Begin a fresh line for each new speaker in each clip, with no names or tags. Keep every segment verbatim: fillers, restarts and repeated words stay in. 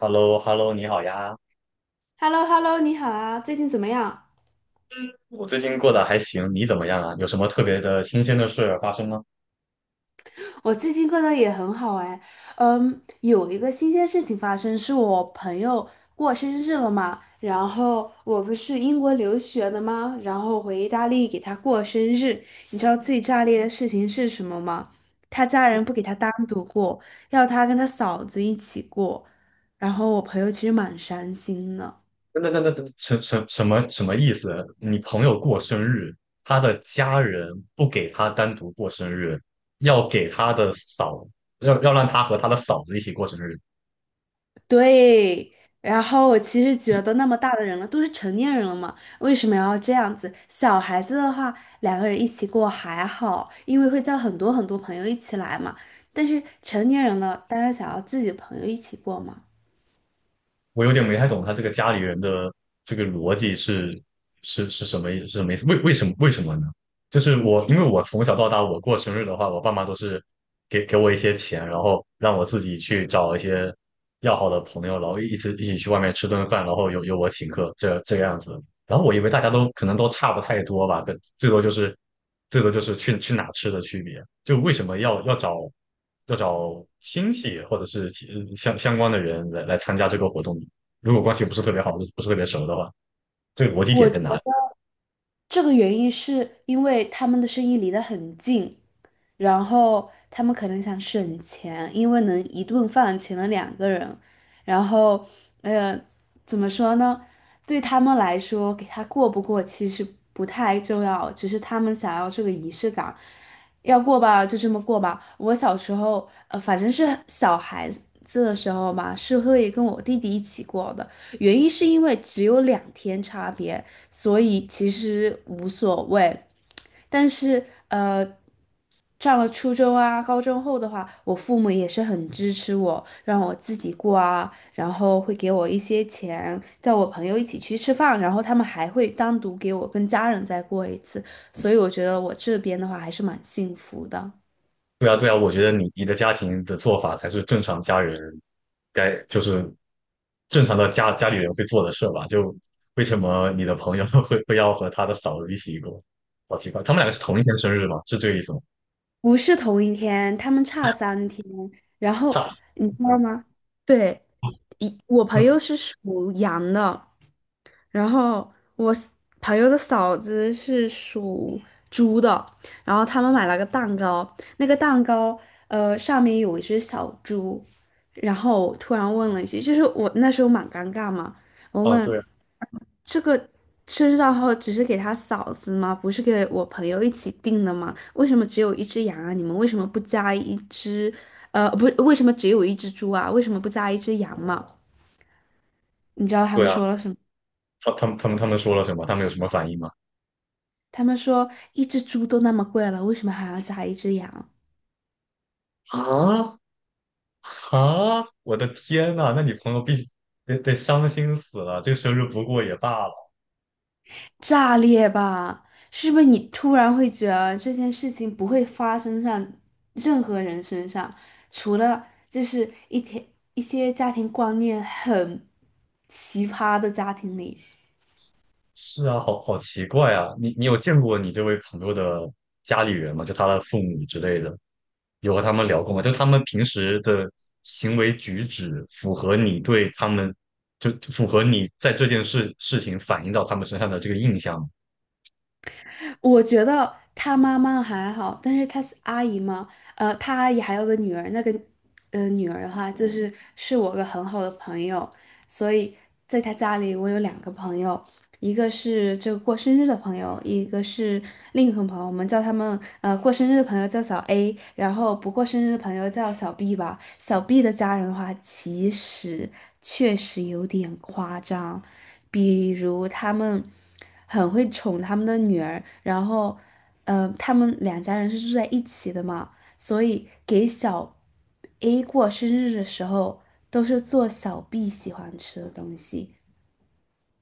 h e l l o h e l l o 你好呀，
h e l l o h e l l o 你好啊，最近怎么样？
我最近过得还行，你怎么样啊？有什么特别的新鲜的事发生吗？
我最近过得也很好哎，嗯，有一个新鲜事情发生，是我朋友过生日了嘛，然后我不是英国留学的吗？然后回意大利给他过生日，你知道最炸裂的事情是什么吗？他家人不给他单独过，要他跟他嫂子一起过，然后我朋友其实蛮伤心的。
等等等等等，什什什么什么意思？你朋友过生日，他的家人不给他单独过生日，要给他的嫂，要要让他和他的嫂子一起过生日。
对，然后我其实觉得那么大的人了，都是成年人了嘛，为什么要这样子？小孩子的话，两个人一起过还好，因为会叫很多很多朋友一起来嘛。但是成年人了，当然想要自己的朋友一起过嘛。
我有点没太懂他这个家里人的这个逻辑是是是什么意是什么意思？为为什么为什么呢？就是我因为我从小到大，我过生日的话，我爸妈都是给给我一些钱，然后让我自己去找一些要好的朋友，然后一起一起去外面吃顿饭，然后由由我请客，这这个样子。然后我以为大家都可能都差不太多吧，可最多就是最多就是去去哪吃的区别。就为什么要要找？要找亲戚或者是其相相关的人来来参加这个活动。如果关系不是特别好，不是不是特别熟的话，这个逻辑
我
点
觉
在哪里？
得这个原因是因为他们的生意离得很近，然后他们可能想省钱，因为能一顿饭请了两个人，然后，呃，怎么说呢？对他们来说，给他过不过其实不太重要，只是他们想要这个仪式感，要过吧就这么过吧。我小时候，呃，反正是小孩子的时候嘛，是会跟我弟弟一起过的，原因是因为只有两天差别。所以其实无所谓。但是呃，上了初中啊、高中后的话，我父母也是很支持我，让我自己过啊，然后会给我一些钱，叫我朋友一起去吃饭，然后他们还会单独给我跟家人再过一次，所以我觉得我这边的话还是蛮幸福的，
对啊，对啊，我觉得你你的家庭的做法才是正常家人该就是正常的家家里人会做的事吧？就为什么你的朋友 会会要和他的嫂子一起过？好奇怪，他们两个是同一天生日吗？是这个意思吗？
不是同一天，他们差三天，然后
差
你知道
嗯，
吗？对，一我朋友 是属羊的。然后我 s- 朋友的嫂子是属猪的，然后他们买了个蛋糕，那个蛋糕呃上面有一只小猪，然后我突然问了一句，就是我那时候蛮尴尬嘛，我
啊，
问
对啊
这个生日蛋糕只是给他嫂子吗？不是给我朋友一起订的吗？为什么只有一只羊啊？你们为什么不加一只？呃，不是，为什么只有一只猪啊？为什么不加一只羊嘛？你知道他
对
们
啊，
说了什么？
他他们他们他们说了什么？他们有什么反应吗？
他们说一只猪都那么贵了，为什么还要炸一只羊？
啊，啊！我的天呐，那你朋友必须得得伤心死了，这个生日不过也罢了。
炸裂吧！是不是你突然会觉得这件事情不会发生上任何人身上，除了就是一天一些家庭观念很奇葩的家庭里，
是啊，好好奇怪啊！你你有见过你这位朋友的家里人吗？就他的父母之类的，有和他们聊过吗？就他们平时的行为举止符合你对他们，就就符合你在这件事事情反映到他们身上的这个印象吗？
我觉得他妈妈还好，但是他是阿姨嘛，呃，他阿姨还有个女儿，那个呃女儿的话，就是是我个很好的朋友，所以在他家里，我有两个朋友，一个是这个过生日的朋友，一个是另一个朋友，我们叫他们呃过生日的朋友叫小 A，然后不过生日的朋友叫小 B 吧。小 B 的家人的话，其实确实有点夸张，比如他们很会宠他们的女儿，然后呃他们两家人是住在一起的嘛。所以给小 A 过生日的时候，都是做小 B 喜欢吃的东西。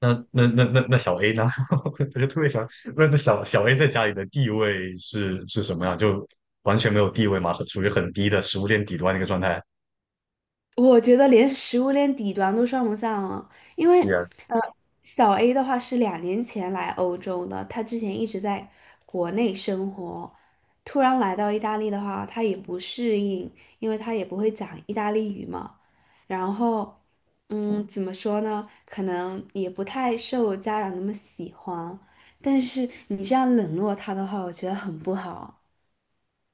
那那那那那小 A 呢？我就特别想，那那小小 A 在家里的地位是是什么样？就完全没有地位嘛，很属于很低的食物链底端的一个状态。
我觉得连食物链底端都算不上了，因
是
为
天，
呃，小 A 的话是两年前来欧洲的，他之前一直在国内生活，突然来到意大利的话，他也不适应，因为他也不会讲意大利语嘛。然后，嗯，怎么说呢？可能也不太受家长那么喜欢，但是你这样冷落他的话，我觉得很不好。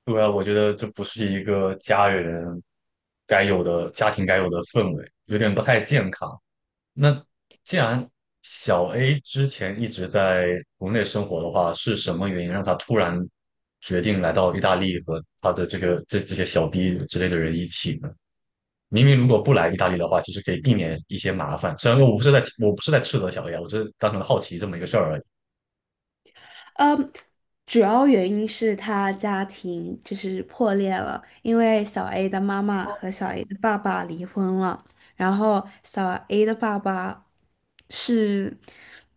对啊，我觉得这不是一个家人该有的家庭该有的氛围，有点不太健康。那既然小 A 之前一直在国内生活的话，是什么原因让他突然决定来到意大利和他的这个这这些小弟之类的人一起呢？明明如果不来意大利的话，其实可以避免一些麻烦。虽然说我不是在我不是在斥责小 A 啊，我只是单纯好奇这么一个事儿而已。
嗯，主要原因是他家庭就是破裂了，因为小 A 的妈妈和小 A 的爸爸离婚了，然后小 A 的爸爸是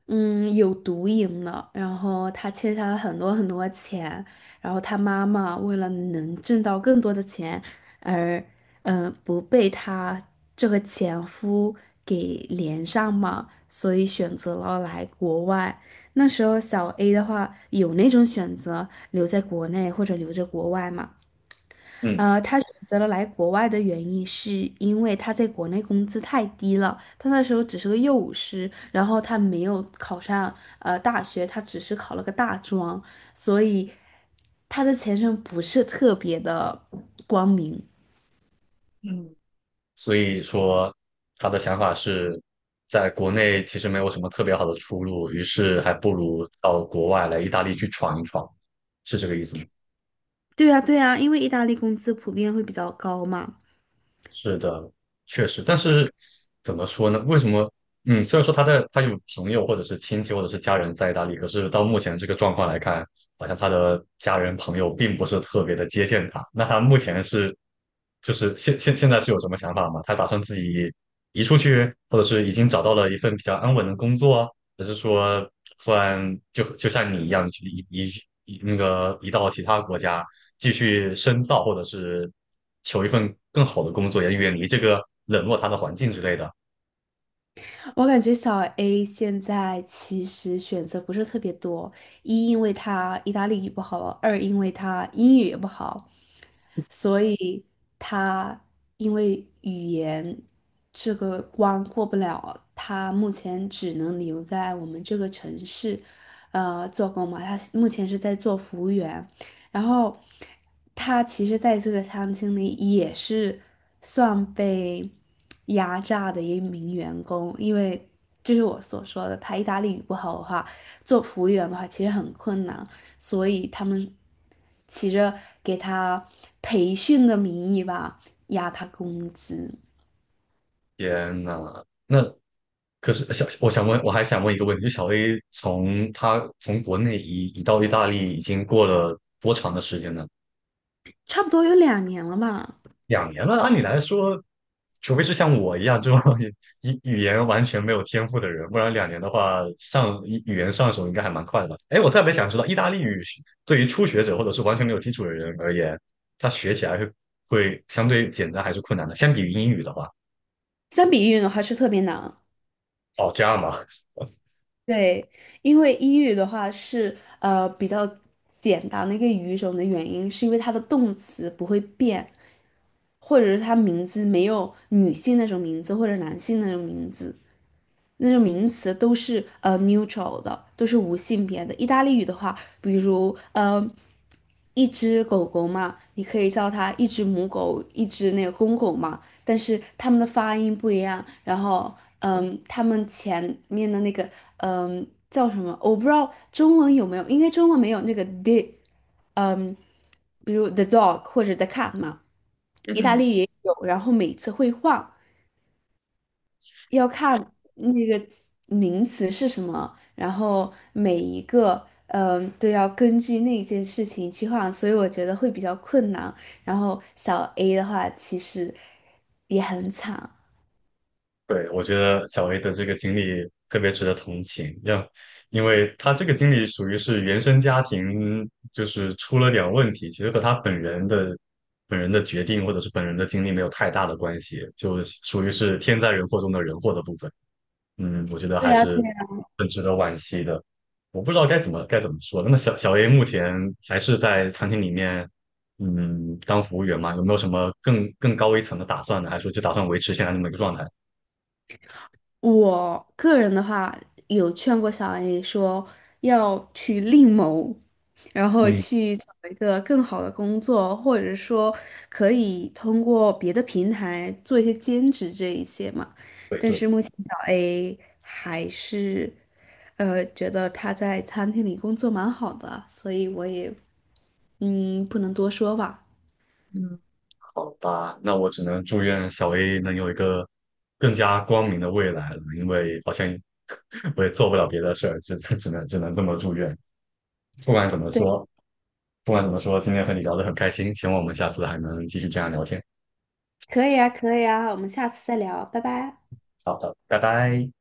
嗯有毒瘾的，然后他欠下了很多很多钱，然后他妈妈为了能挣到更多的钱而嗯、呃不被他这个前夫给连上嘛，所以选择了来国外。那时候小 A 的话有那种选择留在国内或者留在国外嘛？
嗯，
呃，他选择了来国外的原因是因为他在国内工资太低了，他那时候只是个幼舞师，然后他没有考上呃大学，他只是考了个大专，所以他的前程不是特别的光明。
所以说他的想法是，在国内其实没有什么特别好的出路，于是还不如到国外来意大利去闯一闯，是这个意思吗？
对呀，对呀，因为意大利工资普遍会比较高嘛。
是的，确实，但是怎么说呢？为什么？嗯，虽然说他在他有朋友或者是亲戚或者是家人在意大利，可是到目前这个状况来看，好像他的家人朋友并不是特别的接见他。那他目前是，就是现现现在是有什么想法吗？他打算自己移出去，或者是已经找到了一份比较安稳的工作啊还是说打算就就像你一样移移移那个移到其他国家，继续深造，或者是求一份更好的工作，也远离这个冷落他的环境之类的。
我感觉小 A 现在其实选择不是特别多，一因为他意大利语不好，二因为他英语也不好，所以他因为语言这个关过不了，他目前只能留在我们这个城市，呃，做工嘛。他目前是在做服务员，然后他其实在这个餐厅里也是算被压榨的一名员工，因为就是我所说的，他意大利语不好的话，做服务员的话其实很困难，所以他们起着给他培训的名义吧，压他工资，
天呐，那可是小，我想问，我还想问一个问题，就小 A 从他从国内移移到意大利已经过了多长的时间呢？
差不多有两年了嘛。
两年了，按理来说，除非是像我一样这种 语语言完全没有天赋的人，不然两年的话，上语语言上手应该还蛮快的吧？哎，我特别想知道，意大利语是对于初学者或者是完全没有基础的人而言，他学起来是会相对简单还是困难的？相比于英语的话，
相比于的话是特别难，
哦，这样吧，
对，因为英语的话是呃比较简单的一个语种的原因，是因为它的动词不会变，或者是它名字没有女性那种名字，或者男性那种名字，那种名词都是呃 neutral 的，都是无性别的。意大利语的话，比如呃一只狗狗嘛，你可以叫它一只母狗，一只那个公狗嘛，但是它们的发音不一样，然后嗯，它们前面的那个嗯叫什么，我不知道中文有没有，应该中文没有那个 d。嗯，比如 The Dog 或者 The Cat 嘛，意大利也有，然后每次会换，要看那个名词是什么，然后每一个嗯都要根据那件事情去换，所以我觉得会比较困难。然后小 A 的话，其实也很惨。
对，我觉得小 A 的这个经历特别值得同情，要，因为他这个经历属于是原生家庭，就是出了点问题，其实和他本人的本人的决定或者是本人的经历没有太大的关系，就属于是天灾人祸中的人祸的部分。嗯，我觉得
对
还
呀，对，
是很值得惋惜的。我不知道该怎么该怎么说。那么小小 A 目前还是在餐厅里面，嗯，当服务员吗？有没有什么更更高一层的打算呢？还是说就打算维持现在这么一个状态？
我个人的话，有劝过小 A 说要去另谋，然后
嗯。
去找一个更好的工作，或者说可以通过别的平台做一些兼职这一些嘛。
对
但
对，
是目前小 A 还是，呃，觉得他在餐厅里工作蛮好的，所以我也嗯不能多说吧。
嗯，好吧，那我只能祝愿小 A 能有一个更加光明的未来了，因为好像 我也做不了别的事儿，只只能只能这么祝愿。不管怎么
对，
说，不管怎么说，今天和你聊得很开心，希望我们下次还能继续这样聊天。
可以啊，可以啊，我们下次再聊，拜拜。
好的，拜拜。